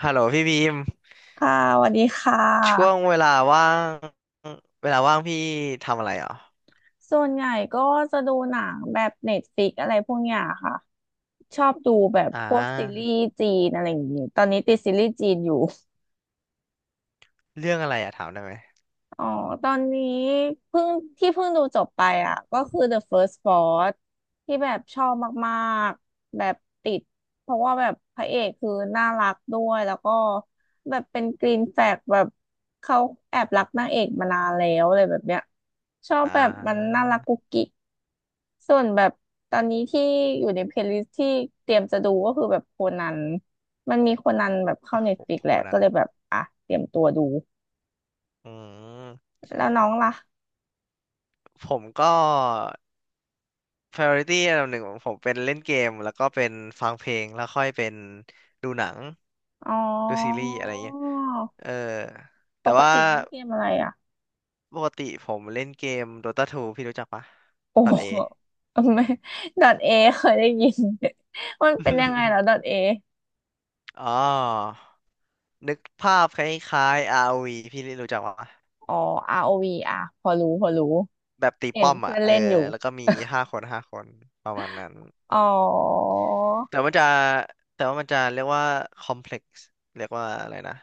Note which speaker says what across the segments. Speaker 1: ฮัลโหลพี่บีม
Speaker 2: ค่ะสวัสดีค่
Speaker 1: ช่วง
Speaker 2: ะ
Speaker 1: เวลาว่างเวลาว่างพี่ทำอะไรเหรอ
Speaker 2: ส่วนใหญ่ก็จะดูหนังแบบเน็ตฟ i ิกอะไรพวกเนี้ยค่ะ ชอบดูแบบ
Speaker 1: อ่
Speaker 2: พวกซีรี
Speaker 1: า
Speaker 2: ส์จีนอะไรอย่างงี้ ตอนนี้ติดซีรีส์จีนอยู่
Speaker 1: เรื่องอะไรอะถามได้ไหม
Speaker 2: อ๋อตอนนี้เพิ่งที่เพิ่งดูจบไปอ่ะก็คือ The First Boss ที่แบบชอบมากๆ แบบติดเพราะว่าแบบพระเอกคือน่ารักด้วยแล้วก็แบบเป็นกรีนแฟลกแบบเขาแอบรักนางเอกมานานแล้วอะไรแบบเนี้ยชอบ
Speaker 1: อ่า
Speaker 2: แบบมันน่ารักกุ๊กกิ๊กส่วนแบบตอนนี้ที่อยู่ในเพลย์ลิสที่เตรียมจะดูก็คือแบบโคนันมันมีโคนันแบบเข้า
Speaker 1: โอ้
Speaker 2: เน็ต
Speaker 1: โห
Speaker 2: ฟลิกแห
Speaker 1: ค
Speaker 2: ละ
Speaker 1: น
Speaker 2: ก็
Speaker 1: นั้น
Speaker 2: เลยแบบอ่ะเตรียมตัวดู
Speaker 1: อืม
Speaker 2: แล้วน้องล่ะ
Speaker 1: ผมก็ priority อันดับหนึ่งของผมเป็นเล่นเกมแล้วก็เป็นฟังเพลงแล้วค่อยเป็นดูหนัง
Speaker 2: อ๋อ
Speaker 1: ดูซีรีส์อะไรเงี้ยเออแต่
Speaker 2: ปก
Speaker 1: ว่า
Speaker 2: ติเล่นเกมอะไรอ่ะ
Speaker 1: ปกติผมเล่นเกม Dota 2พี่รู้จักปะ
Speaker 2: โอ
Speaker 1: .A
Speaker 2: ้ไม่ดอทเอเคยได้ยินมันเป็นยังไงแล้ว ดอทเอ
Speaker 1: อ๋อ นึกภาพคล้ายๆ ROV พี่รู้จักปะ
Speaker 2: อ๋อ ROV อวีอ่ะพอรู้พอรู้
Speaker 1: แบบตี
Speaker 2: เห็น
Speaker 1: ป้อม
Speaker 2: เพื่
Speaker 1: อ่ะ
Speaker 2: อน
Speaker 1: เออ
Speaker 2: เล่นอยู่
Speaker 1: แล้วก็มีห้าคนห้าคนประมาณนั้น
Speaker 2: อ๋อ
Speaker 1: แต่มันจะแต่ว่ามันจะเรียกว่าคอมเพล็กซ์เรียกว่าอะไรนะ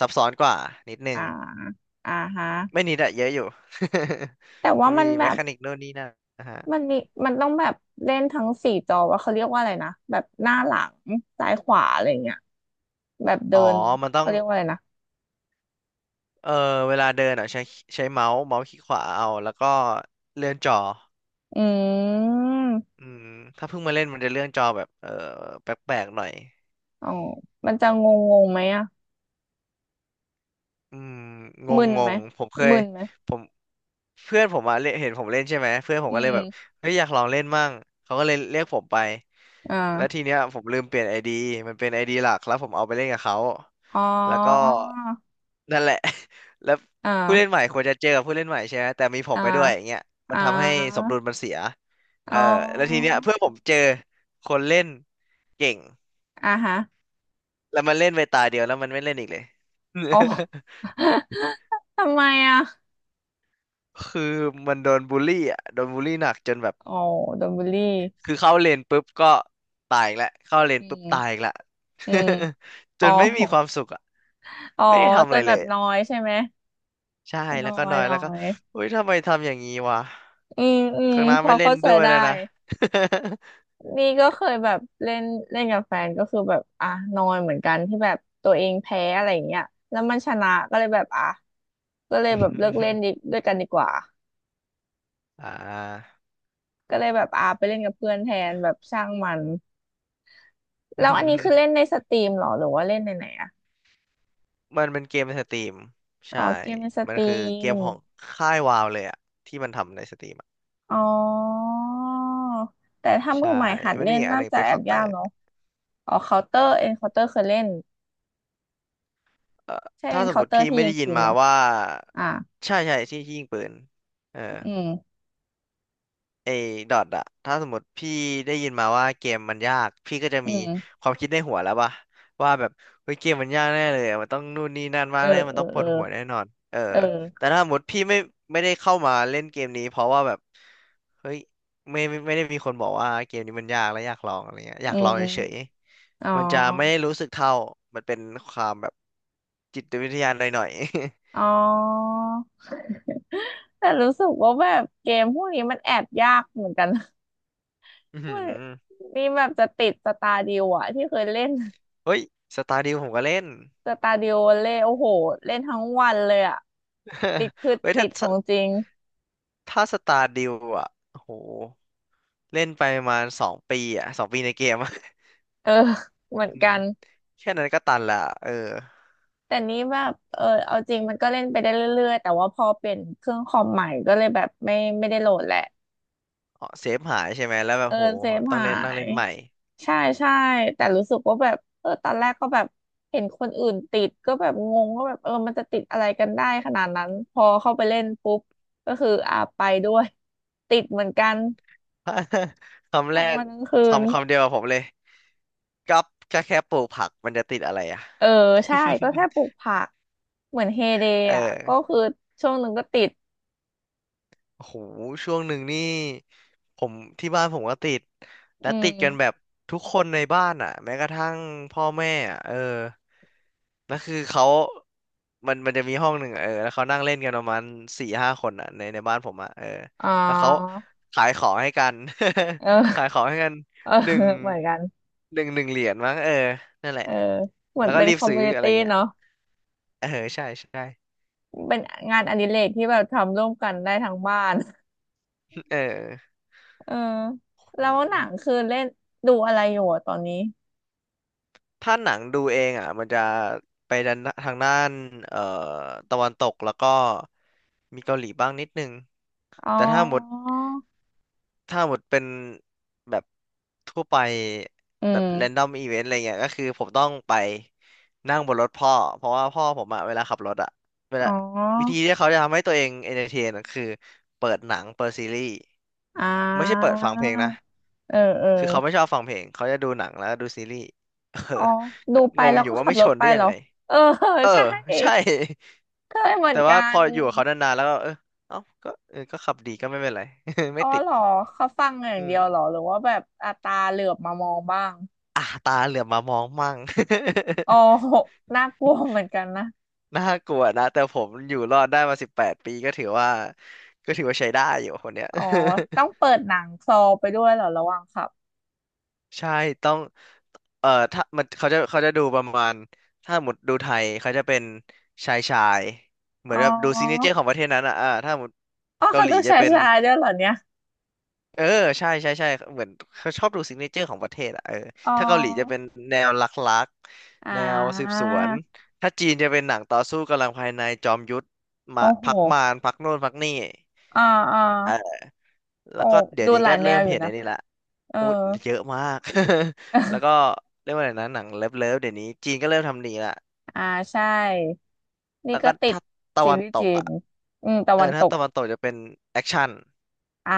Speaker 1: ซับซ้อนกว่านิดนึ
Speaker 2: อ่า
Speaker 1: ง
Speaker 2: อ่าฮะ
Speaker 1: ไม่นิดอะเยอะอยู่
Speaker 2: แต่ว่า
Speaker 1: มี
Speaker 2: มันแบ
Speaker 1: แม
Speaker 2: บ
Speaker 1: คานิกโน่นนี่นั่นนะฮะ
Speaker 2: มันมีมันต้องแบบเล่นทั้งสี่จอว่าเขาเรียกว่าอะไรนะแบบหน้าหลังซ้ายขวาอะไรเงี้ยแบบเดิ
Speaker 1: อ๋อ
Speaker 2: น
Speaker 1: มันต้อ
Speaker 2: เขา
Speaker 1: ง
Speaker 2: เรียกว่าอะไรนะ
Speaker 1: เออเวลาเดินอ่ะใช้เมาส์เมาส์คลิกขวาเอา แล้วก็เลื่อนจอ
Speaker 2: อืม
Speaker 1: อืมถ้าเพิ่งมาเล่นมันจะเลื่อนจอแบบเออแปลกๆหน่อย
Speaker 2: อ๋อมันจะงงงงไหมอะ
Speaker 1: อืมงง
Speaker 2: มึน
Speaker 1: ง
Speaker 2: ไหม
Speaker 1: งผมเคย
Speaker 2: มึนไหม
Speaker 1: ผมเพื่อนผมมาเล่นเห็นผมเล่นใช่ไหมเพื่อนผม
Speaker 2: อื
Speaker 1: ก็เลยแบบ
Speaker 2: ม
Speaker 1: เฮ้ยอยากลองเล่นมั่งเขาก็เลยเรียกผมไปแล้ว
Speaker 2: อ่า
Speaker 1: ทีเนี้ยผมลืมเปลี่ยนไอดีมันเป็นไอดีหลักแล้วผมเอาไปเล่นกับเขา
Speaker 2: อ๋อ
Speaker 1: แล้วก็นั่นแหละ แล้ว
Speaker 2: อ่
Speaker 1: ผู้เล่นให
Speaker 2: า
Speaker 1: ม่ควรจะเจอกับผู้เล่นใหม่ใช่ไหมแต่มีผม
Speaker 2: อ่า
Speaker 1: ไปด้วยอย่างเงี้ยมั
Speaker 2: อ่
Speaker 1: นทำให้สม
Speaker 2: า
Speaker 1: ดุลมันเสียเอ
Speaker 2: อ๋
Speaker 1: อแล้วที
Speaker 2: อ
Speaker 1: เนี้ยเพื่อนผมเจอคนเล่นเก่ง
Speaker 2: อ่าฮะ
Speaker 1: แล้วมันเล่นไปตาเดียวแล้วมันไม่เล่นอีกเลย
Speaker 2: อ๋อ ทำไมอ่ะ
Speaker 1: คือมันโดนบูลลี่อ่ะโดนบูลลี่หนักจนแบบ
Speaker 2: อ๋อโดนบูลลี่
Speaker 1: คือเข้าเลนปุ๊บก็ตายอีกแล้วเข้าเลน
Speaker 2: อื
Speaker 1: ปุ๊บตายอี
Speaker 2: ม
Speaker 1: กแล้ว
Speaker 2: อืม
Speaker 1: จ
Speaker 2: อ๋อ
Speaker 1: นไม่มีความสุขอ่ะ
Speaker 2: อ๋อ
Speaker 1: ไม่ได้ทำ
Speaker 2: จ
Speaker 1: อะไร
Speaker 2: นแบ
Speaker 1: เล
Speaker 2: บ
Speaker 1: ย
Speaker 2: น้อ
Speaker 1: อะ
Speaker 2: ยใช่ไหม
Speaker 1: ใช่แล้
Speaker 2: น้อ
Speaker 1: วก็น
Speaker 2: ย
Speaker 1: อย
Speaker 2: น้อ
Speaker 1: แล้วก็
Speaker 2: ย
Speaker 1: เฮ้ยทำไมทำอย่างนี้วะ
Speaker 2: อืมอืม
Speaker 1: ข้างหน้า
Speaker 2: พอ
Speaker 1: ไม่เล่น
Speaker 2: เข้าใจ
Speaker 1: ด้วย
Speaker 2: ได้
Speaker 1: แล้วนะ
Speaker 2: นี่ก็เคยแบบเล่นเล่นกับแฟนก็คือแบบอ่ะนอยเหมือนกันที่แบบตัวเองแพ้อะไรอย่างเงี้ยแล้วมันชนะก็เลยแบบอ่ะก็เลยแบบเลิกเล่นดี ด้วยกันดีกว่า
Speaker 1: อ่า
Speaker 2: ก็เลยแบบอ่ะไปเล่นกับเพื่อนแทนแบบช่างมันแล้วอันนี้คือเล่นในสตรีมเหรอหรือว่าเล่นในไหนอะ
Speaker 1: มันเป็นเกมในสตรีม
Speaker 2: อ๋
Speaker 1: ใช่
Speaker 2: อเกมในส
Speaker 1: มั
Speaker 2: ต
Speaker 1: น
Speaker 2: รี
Speaker 1: คือเก
Speaker 2: ม
Speaker 1: มของค่ายวาวเลยอ่ะที่มันทำในสตรีมอะ
Speaker 2: อ๋อแต่ถ้ามื
Speaker 1: ใช่
Speaker 2: อใหม่หัด
Speaker 1: มัน
Speaker 2: เล่
Speaker 1: มี
Speaker 2: น
Speaker 1: อีกอัน
Speaker 2: น่า
Speaker 1: หนึ่ง
Speaker 2: จะ
Speaker 1: เป็น
Speaker 2: แอ
Speaker 1: เคา
Speaker 2: บ
Speaker 1: น์เตอ
Speaker 2: ยาก
Speaker 1: ร์
Speaker 2: เนาะอ๋อเคาน์เตอร์เอ็นเคาน์เตอร์เคยเล่น
Speaker 1: เอ่อ
Speaker 2: ใช่เอ็
Speaker 1: ถ้า
Speaker 2: น
Speaker 1: สม
Speaker 2: เคา
Speaker 1: ม
Speaker 2: น์เต
Speaker 1: ติ
Speaker 2: อร์
Speaker 1: พี่
Speaker 2: ที่
Speaker 1: ไม่
Speaker 2: ยิง
Speaker 1: ได้ยิน
Speaker 2: ปืนไห
Speaker 1: มา
Speaker 2: ม
Speaker 1: ว่า
Speaker 2: อ่ะ
Speaker 1: ใช่ใช่ที่ยิงปืนเออ
Speaker 2: อืม
Speaker 1: ไอ้ดอทอะ ถ้าสมมติพี่ได้ยินมาว่าเกมมันยาก พี่ก็จะ
Speaker 2: อื
Speaker 1: มี
Speaker 2: ม
Speaker 1: ความคิดในหัวแล้วป่ะว่าแบบเฮ้ยเกมมันยากแน่เลยอะมันต้องนู่นนี่นั่น
Speaker 2: เอ
Speaker 1: มา
Speaker 2: อ
Speaker 1: กแน่มั
Speaker 2: เอ
Speaker 1: น
Speaker 2: อ
Speaker 1: ต้องป
Speaker 2: เอ
Speaker 1: ว
Speaker 2: อ
Speaker 1: ดหัวแน่นอนเออ
Speaker 2: เอ
Speaker 1: แต่
Speaker 2: อ
Speaker 1: ถ้าสมมติพี่ไม่ได้เข้ามาเล่นเกมนี้เพราะว่าแบบเฮ้ยไม่ได้มีคนบอกว่าเกมนี้มันยากและอยากลองอะไรเงี้ยอ
Speaker 2: อื
Speaker 1: ยากลองเฉย
Speaker 2: มอ๋อ
Speaker 1: ๆมันจะไม่ได้รู้สึกเท่ามันเป็นความแบบจิตวิทยาหน่อย
Speaker 2: อ๋อแต่รู้สึกว่าแบบเกมพวกนี้มันแอบยากเหมือนกันนะ
Speaker 1: ๆ อือหื
Speaker 2: ไม่
Speaker 1: อ
Speaker 2: นี่แบบจะติดสตาร์ดิวอะที่เคยเล่น
Speaker 1: เฮ้ยสตาร์ดิวผมก็เล่น
Speaker 2: สตาร์ดิวเล่โอ้โหเล่นทั้งวันเลยอะติด คือ
Speaker 1: เฮ้ยถ้า
Speaker 2: ติดของจริง
Speaker 1: ถ้าสตาร์ดิวอ่ะโหเล่นไปประมาณสองปีอ่ะสองปีในเกมอะ
Speaker 2: เออเหมือน
Speaker 1: อื
Speaker 2: กั
Speaker 1: ม
Speaker 2: น
Speaker 1: แค่นั้นก็ตันละเออ
Speaker 2: แต่นี้แบบเออเอาจริงมันก็เล่นไปได้เรื่อยๆแต่ว่าพอเปลี่ยนเครื่องคอมใหม่ก็เลยแบบไม่ได้โหลดแหละ
Speaker 1: อ๋อเซฟหายใช่ไหมแล้วแบบ
Speaker 2: เออ
Speaker 1: โห
Speaker 2: เซฟ
Speaker 1: ต้อง
Speaker 2: หา
Speaker 1: เล่นนั่งเล่
Speaker 2: ย
Speaker 1: นใหม่
Speaker 2: ใช่ใช่แต่รู้สึกว่าแบบเออตอนแรกก็แบบเห็นคนอื่นติดก็แบบงงว่าแบบเออมันจะติดอะไรกันได้ขนาดนั้นพอเข้าไปเล่นปุ๊บก็คืออ่าไปด้วย ติดเหมือนกัน
Speaker 1: คำแร
Speaker 2: ทั้ง
Speaker 1: ก
Speaker 2: วันทั้งคืน
Speaker 1: คำเดียวกับผมเลยกับแค่ปลูกผักมันจะติดอะไรอ่ะ
Speaker 2: เออใช่ก็แค่ปลูก ผักเหมือนเฮเดย์
Speaker 1: เอ
Speaker 2: อ่ะก็
Speaker 1: อ
Speaker 2: คือช่วงหนึ่งก็ติด
Speaker 1: โอ้โหช่วงหนึ่งนี่ผมที่บ้านผมก็ติดและ
Speaker 2: อื
Speaker 1: ติดกันแบ
Speaker 2: ม
Speaker 1: บทุกคนในบ้านอ่ะแม้กระทั่งพ่อแม่อ่ะเออนั่นคือเขามันจะมีห้องหนึ่งอะเออแล้วเขานั่งเล่นกันประมาณ4-5 คนอ่ะในบ้านผมอ่ะเออ
Speaker 2: อ๋อ
Speaker 1: แล้วเขาขายของให้กัน
Speaker 2: เอ
Speaker 1: ขายข
Speaker 2: อ
Speaker 1: องให้กัน
Speaker 2: เออ
Speaker 1: หนึ่ง
Speaker 2: เหมือนกัน
Speaker 1: หนึ่งเหรียญมั้งเออนั่นแหละ
Speaker 2: เออเหมือ
Speaker 1: แล้
Speaker 2: น
Speaker 1: วก็
Speaker 2: เป็น
Speaker 1: รี
Speaker 2: ค
Speaker 1: บ
Speaker 2: อม
Speaker 1: ซื้
Speaker 2: มู
Speaker 1: อ
Speaker 2: นิ
Speaker 1: อะไร
Speaker 2: ตี้
Speaker 1: เงี้ย
Speaker 2: เนาะ
Speaker 1: เออใช่ใช่
Speaker 2: เป็นงานอดิเรกที่แบบทำร่วมกันได้ทั้งบ้าน
Speaker 1: เออ
Speaker 2: เออแล้วหนังคือเล่นดูอะไรอยู่อะตอนนี้
Speaker 1: ถ้าหนังดูเองอ่ะมันจะไปด้านทางด้านเอ่อตะวันตกแล้วก็มีเกาหลีบ้างนิดนึง
Speaker 2: อ๋อ
Speaker 1: แต่ถ้าหมดเป็นแบบทั่วไป
Speaker 2: อื
Speaker 1: แบ
Speaker 2: ม
Speaker 1: บแรนดอมอีเวนต์อะไรเงี้ยก็คือผมต้องไปนั่งบนรถพ่อเพราะว่าพ่อผมอ่ะเวลาขับรถอ่ะเวลา
Speaker 2: อ๋อ
Speaker 1: วิธีที่เขาจะทำให้ตัวเองเอนเตอร์เทนก็คือเปิดหนังเปิดซีรีส์
Speaker 2: อ่
Speaker 1: ไม่ใช่เปิ
Speaker 2: า
Speaker 1: ดฟังเพลงนะ
Speaker 2: เออเออ
Speaker 1: คือเขาไม่ชอบฟังเพลงเขาจะดูหนังแล้วก็ดูซีรีส์เออ
Speaker 2: อ๋อ ดู
Speaker 1: ก็
Speaker 2: ไป
Speaker 1: งง
Speaker 2: แล้ว
Speaker 1: อยู่
Speaker 2: ก็
Speaker 1: ว่า
Speaker 2: ขับ
Speaker 1: ไม่
Speaker 2: ร
Speaker 1: ช
Speaker 2: ถ
Speaker 1: น
Speaker 2: ไป
Speaker 1: ได้ยั
Speaker 2: เหร
Speaker 1: ง
Speaker 2: อ
Speaker 1: ไง
Speaker 2: เออ
Speaker 1: เออ
Speaker 2: ใช่
Speaker 1: ใช่
Speaker 2: เคยเห มือน
Speaker 1: แต่ว่า
Speaker 2: กั
Speaker 1: พ
Speaker 2: น
Speaker 1: ออยู่กับเขานานๆแล้วก็เออเอ้าก็เออก็ขับดีก็ไม่เป็นไร ไม่
Speaker 2: อ๋อ
Speaker 1: ติด
Speaker 2: เหรอเขาฟังอย่าง
Speaker 1: อื
Speaker 2: เดี
Speaker 1: ม
Speaker 2: ยวเหรอหรือว่าแบบอาตาเหลือบมามองบ้าง
Speaker 1: อ่ะตาเหลือบมามองมั่ง
Speaker 2: อ๋อ น่ากลัวเหมือนกันนะ
Speaker 1: น่ากลัวนะแต่ผมอยู่รอดได้มา18 ปีก็ถือว่าก็ถือว่าใช้ได้อยู่คนเนี้ย
Speaker 2: อ๋อต้องเปิดหนังคลอไปด้วยเหรอระหว่างขับ
Speaker 1: ใช่ต้องเอ่อถ้ามันเขาจะดูประมาณถ้าหมดดูไทยเขาจะเป็นชายชายเหมือ
Speaker 2: อ๋
Speaker 1: น
Speaker 2: อ
Speaker 1: แบบดูซิกเนเจอร์ของประเทศนั้นอ่ะอ่าถ้าหมด
Speaker 2: อ๋อ
Speaker 1: เกา
Speaker 2: เขา
Speaker 1: หลี
Speaker 2: ดู
Speaker 1: จะ
Speaker 2: ชา
Speaker 1: เป็น
Speaker 2: ยๆด้วยเหรอเนี่ย
Speaker 1: เออใช่ใช่ใช่เหมือนเขาชอบดูซิกเนเจอร์ของประเทศอะเออ
Speaker 2: อ๋
Speaker 1: ถ้าเกาหลีจะเป็
Speaker 2: อ
Speaker 1: นแนวลัก
Speaker 2: อ่
Speaker 1: แนวสืบ
Speaker 2: า
Speaker 1: สวนถ้าจีนจะเป็นหนังต่อสู้กำลังภายในจอมยุทธมา
Speaker 2: โอ้โห
Speaker 1: พักมารพักโน่นพักนี่
Speaker 2: อ่าอ่า
Speaker 1: เออแล้
Speaker 2: โอ้
Speaker 1: วก็เดี๋ย
Speaker 2: ดู
Speaker 1: วนี้
Speaker 2: หลา
Speaker 1: ก็
Speaker 2: ยแน
Speaker 1: เริ่
Speaker 2: ว
Speaker 1: ม
Speaker 2: อยู่
Speaker 1: เห็น
Speaker 2: นะ
Speaker 1: ไอ้นี่ละ
Speaker 2: เออ
Speaker 1: อุ้ยเยอะมาก แล้ว ก็เรียกว่าอะไรนะหนังเลิฟเดี๋ยวนี้จีนก็เริ่มทำหนีละ
Speaker 2: อ่าใช่นี่
Speaker 1: แล้ว
Speaker 2: ก็
Speaker 1: ก็
Speaker 2: ติด
Speaker 1: ถ้าตะ
Speaker 2: ซี
Speaker 1: วัน
Speaker 2: รีส์
Speaker 1: ต
Speaker 2: จี
Speaker 1: ก
Speaker 2: น
Speaker 1: อ่ะ
Speaker 2: อืมตะ
Speaker 1: เอ
Speaker 2: วั
Speaker 1: อ
Speaker 2: นต
Speaker 1: ถ้า
Speaker 2: ก
Speaker 1: ตะวันตกจะเป็นแอคชั่น
Speaker 2: อ่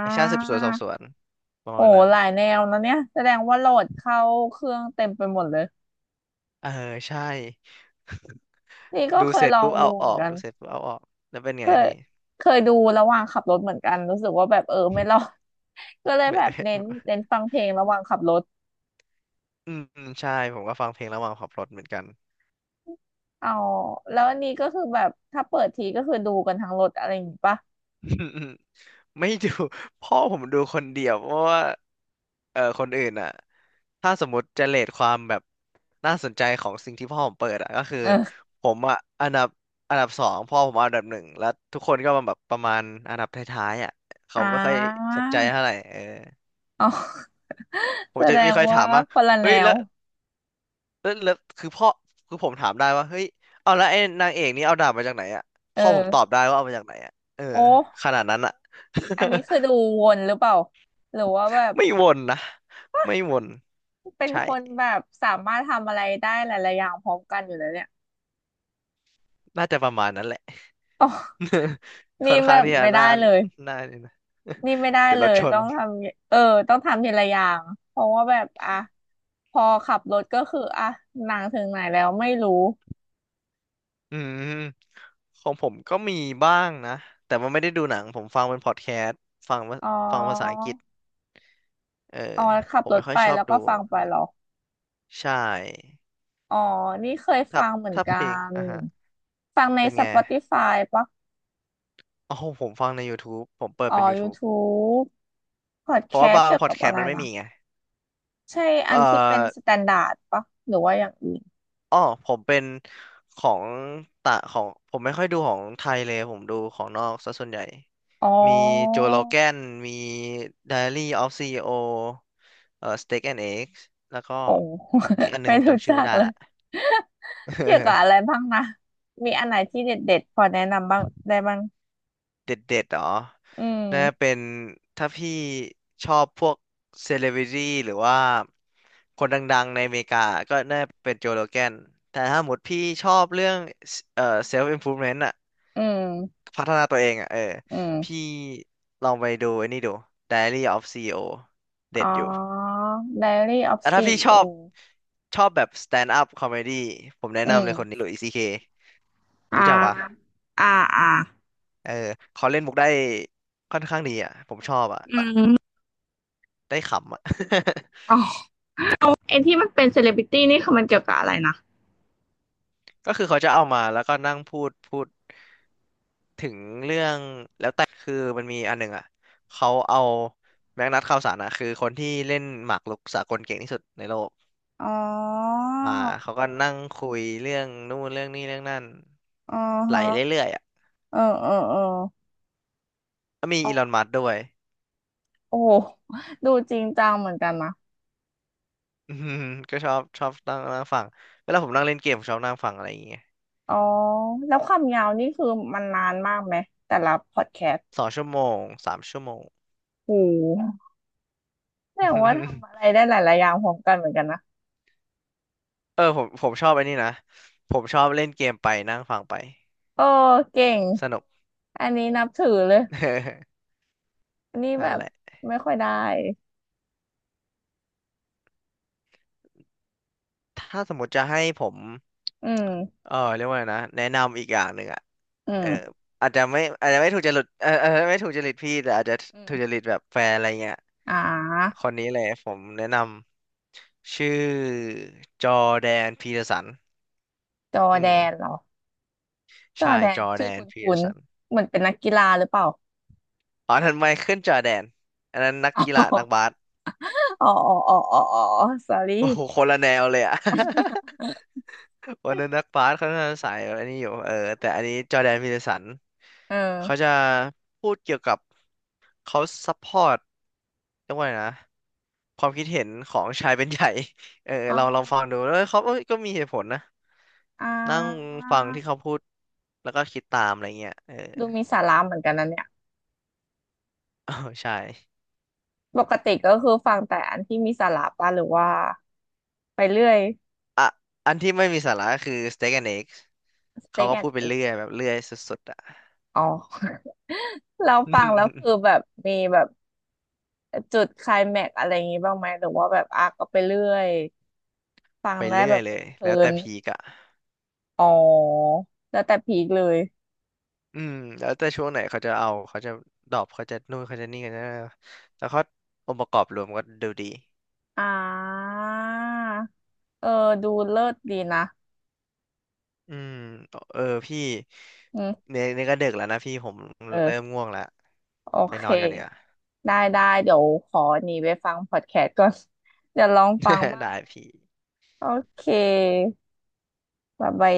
Speaker 1: แอ
Speaker 2: า
Speaker 1: คชั่นสืบสวนสอบสวนประ
Speaker 2: โอ้
Speaker 1: มาณนั้น
Speaker 2: หลายแนวนะเนี่ยแสดงว่าโหลดเข้าเครื่องเต็มไปหมดเลย
Speaker 1: เออใช่
Speaker 2: นี่ก็
Speaker 1: ดู
Speaker 2: เค
Speaker 1: เส
Speaker 2: ย
Speaker 1: ร็จ
Speaker 2: ลอง
Speaker 1: ปุ๊บ
Speaker 2: ดู
Speaker 1: เอาอ
Speaker 2: เหมือ
Speaker 1: อ
Speaker 2: น
Speaker 1: ก
Speaker 2: กัน
Speaker 1: ดูเสร็จปุ๊บเอาออกแล้วเป็น
Speaker 2: เค
Speaker 1: ไง
Speaker 2: ย
Speaker 1: พี่
Speaker 2: ดูระหว่างขับรถเหมือนกันรู้สึกว่าแบบเออไม่รอด ก็เลย
Speaker 1: ไม่
Speaker 2: แบบเน้นฟังเพลงระหว่างขับรถ
Speaker 1: อืมอืมใช่ผมก็ฟังเพลงระหว่างขับรถเหมือนกัน
Speaker 2: อ๋อแล้วอันนี้ก็คือแบบถ้าเปิดทีก็คือดูกันทั้งรถอะไรอย่างงี้ปะ
Speaker 1: อืมอืมไม่ดู พ่อผมดูคนเดียวเพราะว่าเออคนอื่นอ่ะถ้าสมมติจะเรทความแบบน่าสนใจของสิ่งที่พ่อผมเปิดอ่ะก็คือ
Speaker 2: เออ
Speaker 1: ผมอ่ะอันดับสองพ่อผมอันดับหนึ่งแล้วทุกคนก็มาแบบประมาณอันดับท้ายๆอ่ะเขา
Speaker 2: อ่
Speaker 1: ไม่ค่อย
Speaker 2: า
Speaker 1: สนใจเท่าไหร่เออ
Speaker 2: อ๋อ
Speaker 1: ผ
Speaker 2: แส
Speaker 1: มจะ
Speaker 2: ด
Speaker 1: ไมี
Speaker 2: ง
Speaker 1: ใค่อยถา
Speaker 2: ว่า
Speaker 1: มว่า
Speaker 2: คนละแน
Speaker 1: เฮ้ย
Speaker 2: ว
Speaker 1: แล้ว แล้วคือพ่อคือผมถามได้ว่าเฮ้ยเอาแล้วไอ้นางเอกนี่เอาดาบมาจากไหนอ่ะ
Speaker 2: เอ
Speaker 1: พ่อผมตอบ
Speaker 2: อ
Speaker 1: ได้ว่าเอามาจากไหนอ่ะเออ
Speaker 2: โอ้
Speaker 1: ขนาดนั้นอ่ะ
Speaker 2: อัน นี้คือดูวนหรือเปล่าหรือว่าแบบ
Speaker 1: ไม่วนนะไม่วน
Speaker 2: เป็น
Speaker 1: ใช่
Speaker 2: คนแบบสามารถทำอะไรได้หลายๆอย่างพร้อมกันอยู่แล้วเนี่ย
Speaker 1: น่าจะประมาณนั้นแหละ
Speaker 2: อ๋อ
Speaker 1: ค่
Speaker 2: นี่
Speaker 1: อน
Speaker 2: แบ
Speaker 1: ข้าง
Speaker 2: บ
Speaker 1: ที่จะ
Speaker 2: ไม่ได้
Speaker 1: น่า
Speaker 2: เลย
Speaker 1: นี่นะ
Speaker 2: นี่ไม่ได้
Speaker 1: เดี๋ยว
Speaker 2: เล
Speaker 1: เรา
Speaker 2: ย
Speaker 1: ช
Speaker 2: ต้
Speaker 1: น
Speaker 2: องทำเออต้องทำทีละอย่าง เพราะว่าแบบอ่ะพอขับรถก็คืออ่ะหนังถึงไหนแล้วไม่รู้
Speaker 1: อืมของผมก็มีบ้างนะแต่มันไม่ได้ดูหนังผมฟังเป็นพอดแคสต์ฟังว่า
Speaker 2: อ๋อ
Speaker 1: ฟังภาษาอังกฤษเออ
Speaker 2: อ๋อขับ
Speaker 1: ผม
Speaker 2: รถ
Speaker 1: ไม่ค่อ
Speaker 2: ไป
Speaker 1: ยชอบ
Speaker 2: แล้ว
Speaker 1: ดู
Speaker 2: ก็ฟังไป
Speaker 1: อะไร
Speaker 2: เหรอ
Speaker 1: ใช่
Speaker 2: อ๋อ นี่เคย
Speaker 1: ถ้า
Speaker 2: ฟังเหมือน
Speaker 1: ถ้า
Speaker 2: กั
Speaker 1: เพลง
Speaker 2: น
Speaker 1: อ่ะฮะ
Speaker 2: ฟังใน
Speaker 1: เป็นไง
Speaker 2: Spotify ปะ
Speaker 1: โอ้โหผมฟังใน YouTube ผมเปิด
Speaker 2: อ๋อ
Speaker 1: เป็น YouTube
Speaker 2: YouTube p o ด
Speaker 1: เพ
Speaker 2: แค
Speaker 1: ราะว่า
Speaker 2: ส t
Speaker 1: บาง
Speaker 2: เกี่ยว
Speaker 1: พอ
Speaker 2: กั
Speaker 1: ด
Speaker 2: บ
Speaker 1: แค
Speaker 2: อะ
Speaker 1: สต์
Speaker 2: ไร
Speaker 1: มันไม่
Speaker 2: นะ
Speaker 1: มีไง
Speaker 2: ใช่อั
Speaker 1: เอ่อ
Speaker 2: นที่เป็นสแตนดาร์ดปะหรือว่าอย่างอื่น
Speaker 1: อ้อผมเป็นของต่างของผมไม่ค่อยดูของไทยเลยผมดูของนอกซะส่วนใหญ่
Speaker 2: อ๋
Speaker 1: มีโจ
Speaker 2: อ
Speaker 1: โ o แกนมี Diary of CEO Steak and Eggs แล้วก็
Speaker 2: โอ้
Speaker 1: อีกอัน หนึง
Speaker 2: ไม่
Speaker 1: ผม
Speaker 2: รู้
Speaker 1: จำชื่
Speaker 2: จั
Speaker 1: อไม่
Speaker 2: ก
Speaker 1: ได้
Speaker 2: เลย
Speaker 1: ละ
Speaker 2: เกี่ยวกับอะไร บ้างนะ มีอันไหนที่เด็ดๆพอแนะนำบ้างได้บ้าง
Speaker 1: เด็ดๆเหรอ
Speaker 2: อื
Speaker 1: น่าเป็
Speaker 2: ม
Speaker 1: นถ้าพี่ชอบพวกเซเลบริตี้หรือว่าคนดังๆในอเมริกาก็น่าเป็นโจโรแกนแต่ถ้าหมดพี่ชอบเรื่องเซลฟ์อิมพูมเมนต์อะ
Speaker 2: อืม
Speaker 1: พัฒนาตัวเองอะเออ
Speaker 2: อื
Speaker 1: พี่
Speaker 2: ม
Speaker 1: ลองไปดูไอ้นี่ดู Diary of ซีอีโอเด็
Speaker 2: อ๋
Speaker 1: ด
Speaker 2: อ
Speaker 1: อยู่
Speaker 2: Diary of
Speaker 1: แต่ถ้าพี่ชอบ
Speaker 2: CEO อ
Speaker 1: ชอบแบบ stand up comedy ผมแนะ
Speaker 2: โออื
Speaker 1: นำ
Speaker 2: ม
Speaker 1: เลยคนนี้หลุยส์ซีเค
Speaker 2: อ่
Speaker 1: รู้จักปะ
Speaker 2: าอ่าอ่า
Speaker 1: เออเขาเล่นมุกได้ค่อนข้างดีอ่ะผมชอบอ่ะ
Speaker 2: อืม
Speaker 1: ได้ขำอ่ะ
Speaker 2: อ๋อ ไอ้ที่มันเป็นเซเลบริตี้นี่คือมันเกี่ยวกับอะไรนะ
Speaker 1: ก็คือเขาจะเอามาแล้วก็นั่งพูดถึงเรื่องแล้วแต่คือมันมีอันหนึ่งอ่ะเขาเอาแม็กนัสข่าวสารอ่ะคือคนที่เล่นหมากรุกสากลเก่งที่สุดในโลก
Speaker 2: อ๋อ
Speaker 1: มาเขาก็นั่งคุยเรื่องนู่นเรื่องนี้เรื่องนั่น
Speaker 2: อ๋อ
Speaker 1: ไหล
Speaker 2: ฮะ
Speaker 1: เรื่อยๆอ่ะ
Speaker 2: เออเออเออ
Speaker 1: ก็มี
Speaker 2: อ๋อ
Speaker 1: อีลอนมัสก์ด้วย
Speaker 2: โอ้โห ดูจริงจังเหมือนกันนะ
Speaker 1: อืมก็ชอบนั่งนั่งฟังเวลาผมนั่งเล่นเกมผมชอบนั่งฟังอะไรอย่างเงี้ย
Speaker 2: อ๋อ แล้วความยาวนี่คือมันนานมากไหมแต่ละพอดแคสต์
Speaker 1: สองชั่วโมงสามชั่วโมง
Speaker 2: โอ้โหแสดงว่าทำอะไร ได้หลายๆอย่างพร้อมกันเหมือนกันนะ
Speaker 1: เออผมชอบไอ้นี่นะผมชอบเล่นเกมไปนั่งฟังไป
Speaker 2: เออเก่ง
Speaker 1: สนุก
Speaker 2: อันนี้นับถือเลย อันนี้แบ
Speaker 1: นั่น
Speaker 2: บ
Speaker 1: แหละ
Speaker 2: ไม่ค่อยได้
Speaker 1: ถ้าสมมติจะให้ผม
Speaker 2: อืม
Speaker 1: เออเรียกว่าไงนะแนะนำอีกอย่างหนึ่งอ่ะ
Speaker 2: อื
Speaker 1: เออ
Speaker 2: ม
Speaker 1: อาจจะไม่ถูกจริตเออไม่ถูกจริตพี่แต่อาจจะ
Speaker 2: อืม
Speaker 1: ถูกจริตแบบแฟนอะไรเงี้ย
Speaker 2: อ่
Speaker 1: ค
Speaker 2: า
Speaker 1: นนี้เลยผมแนะนำชื่อจอร์แดนพีเตอร์สัน
Speaker 2: จอ
Speaker 1: อื
Speaker 2: ร์แด
Speaker 1: ม
Speaker 2: นเหรอจอ
Speaker 1: ใช่
Speaker 2: ร์แด
Speaker 1: จ
Speaker 2: น
Speaker 1: อร์
Speaker 2: ชื่
Speaker 1: แด
Speaker 2: อค
Speaker 1: นพีเตอ
Speaker 2: ุ้น
Speaker 1: ร์สัน
Speaker 2: ๆเหมือนเป็นนักกีฬาหรือเปล่า
Speaker 1: อ๋อทันไมเคิลจอร์แดนอันนั้นนักกีฬานักบาส
Speaker 2: อ๋ออ๋ออ๋ออ๋ออ๋อ sorry
Speaker 1: โอ้โหคนละแนวเลยอ่ะ วันนั้นนักบาสเขาน่าจะสายอันนี้อยู่เออแต่อันนี้จอร์แดนพีเทอร์สัน
Speaker 2: เ
Speaker 1: เขา
Speaker 2: ออ
Speaker 1: จะพูดเกี่ยวกับเขาซัพพอร์ตเรียกว่าไงนะความคิดเห็นของชายเป็นใหญ่ เออ
Speaker 2: อ๋อ
Speaker 1: เราลองฟังดูแล้วเขาเอ้ยก็มีเหตุผลนะ
Speaker 2: อ่
Speaker 1: นั่ง
Speaker 2: า
Speaker 1: ฟังที่เขาพูดแล้วก็คิดตามอะไรเงี้ยเออ
Speaker 2: ดูมีสาระเหมือนกันนะเนี่ย
Speaker 1: อ๋อใช่
Speaker 2: ปกติก็คือฟังแต่อันที่มีสาระป่ะหรือว่าไปเรื่อย
Speaker 1: อ่ะอันที่ไม่มีสาระคือ Steak and Eggs เขา
Speaker 2: steak
Speaker 1: ก็พู
Speaker 2: and
Speaker 1: ดไป
Speaker 2: egg
Speaker 1: เรื่อยแบบเรื่อยสุดๆอ่ะ
Speaker 2: อ๋อ เราฟังแล้วคือแบบมีแบบจุดไคลแม็กซ์อะไรอย่างงี้บ้างไหมหรือว่าแบบอ่ะก็ไปเรื่อยฟั ง
Speaker 1: ไป
Speaker 2: ได้
Speaker 1: เรื่
Speaker 2: แบ
Speaker 1: อย
Speaker 2: บ
Speaker 1: เลย
Speaker 2: เพลิ
Speaker 1: แล้วแต่
Speaker 2: น
Speaker 1: พีกอะ
Speaker 2: ๆอ๋อแล้วแต่พีคเลย
Speaker 1: อืมแล้วแต่ช่วงไหนเขาจะเอาเขาจะดรอปเขาจะนู่นเขาจะนี่กันนะแล้วเขาองค์ประกอบรวมก็ดูดี
Speaker 2: อ่าเออดูเลิศดีนะ
Speaker 1: อืมเออพี่
Speaker 2: อืม
Speaker 1: เนี่ยก็ดึกแล้วนะพี่ผม
Speaker 2: เอ
Speaker 1: เริ่ม
Speaker 2: อ
Speaker 1: ง่วงแล้ว
Speaker 2: โอ
Speaker 1: ไป
Speaker 2: เค
Speaker 1: นอนก่อนดีกว่า
Speaker 2: ได้ได้ เดี๋ยวขอหนีไปฟังพอดแคสต์ก่อน เดี๋ยวลองฟัง บ้าง
Speaker 1: ได้พี่
Speaker 2: โอเคบ๊ายบาย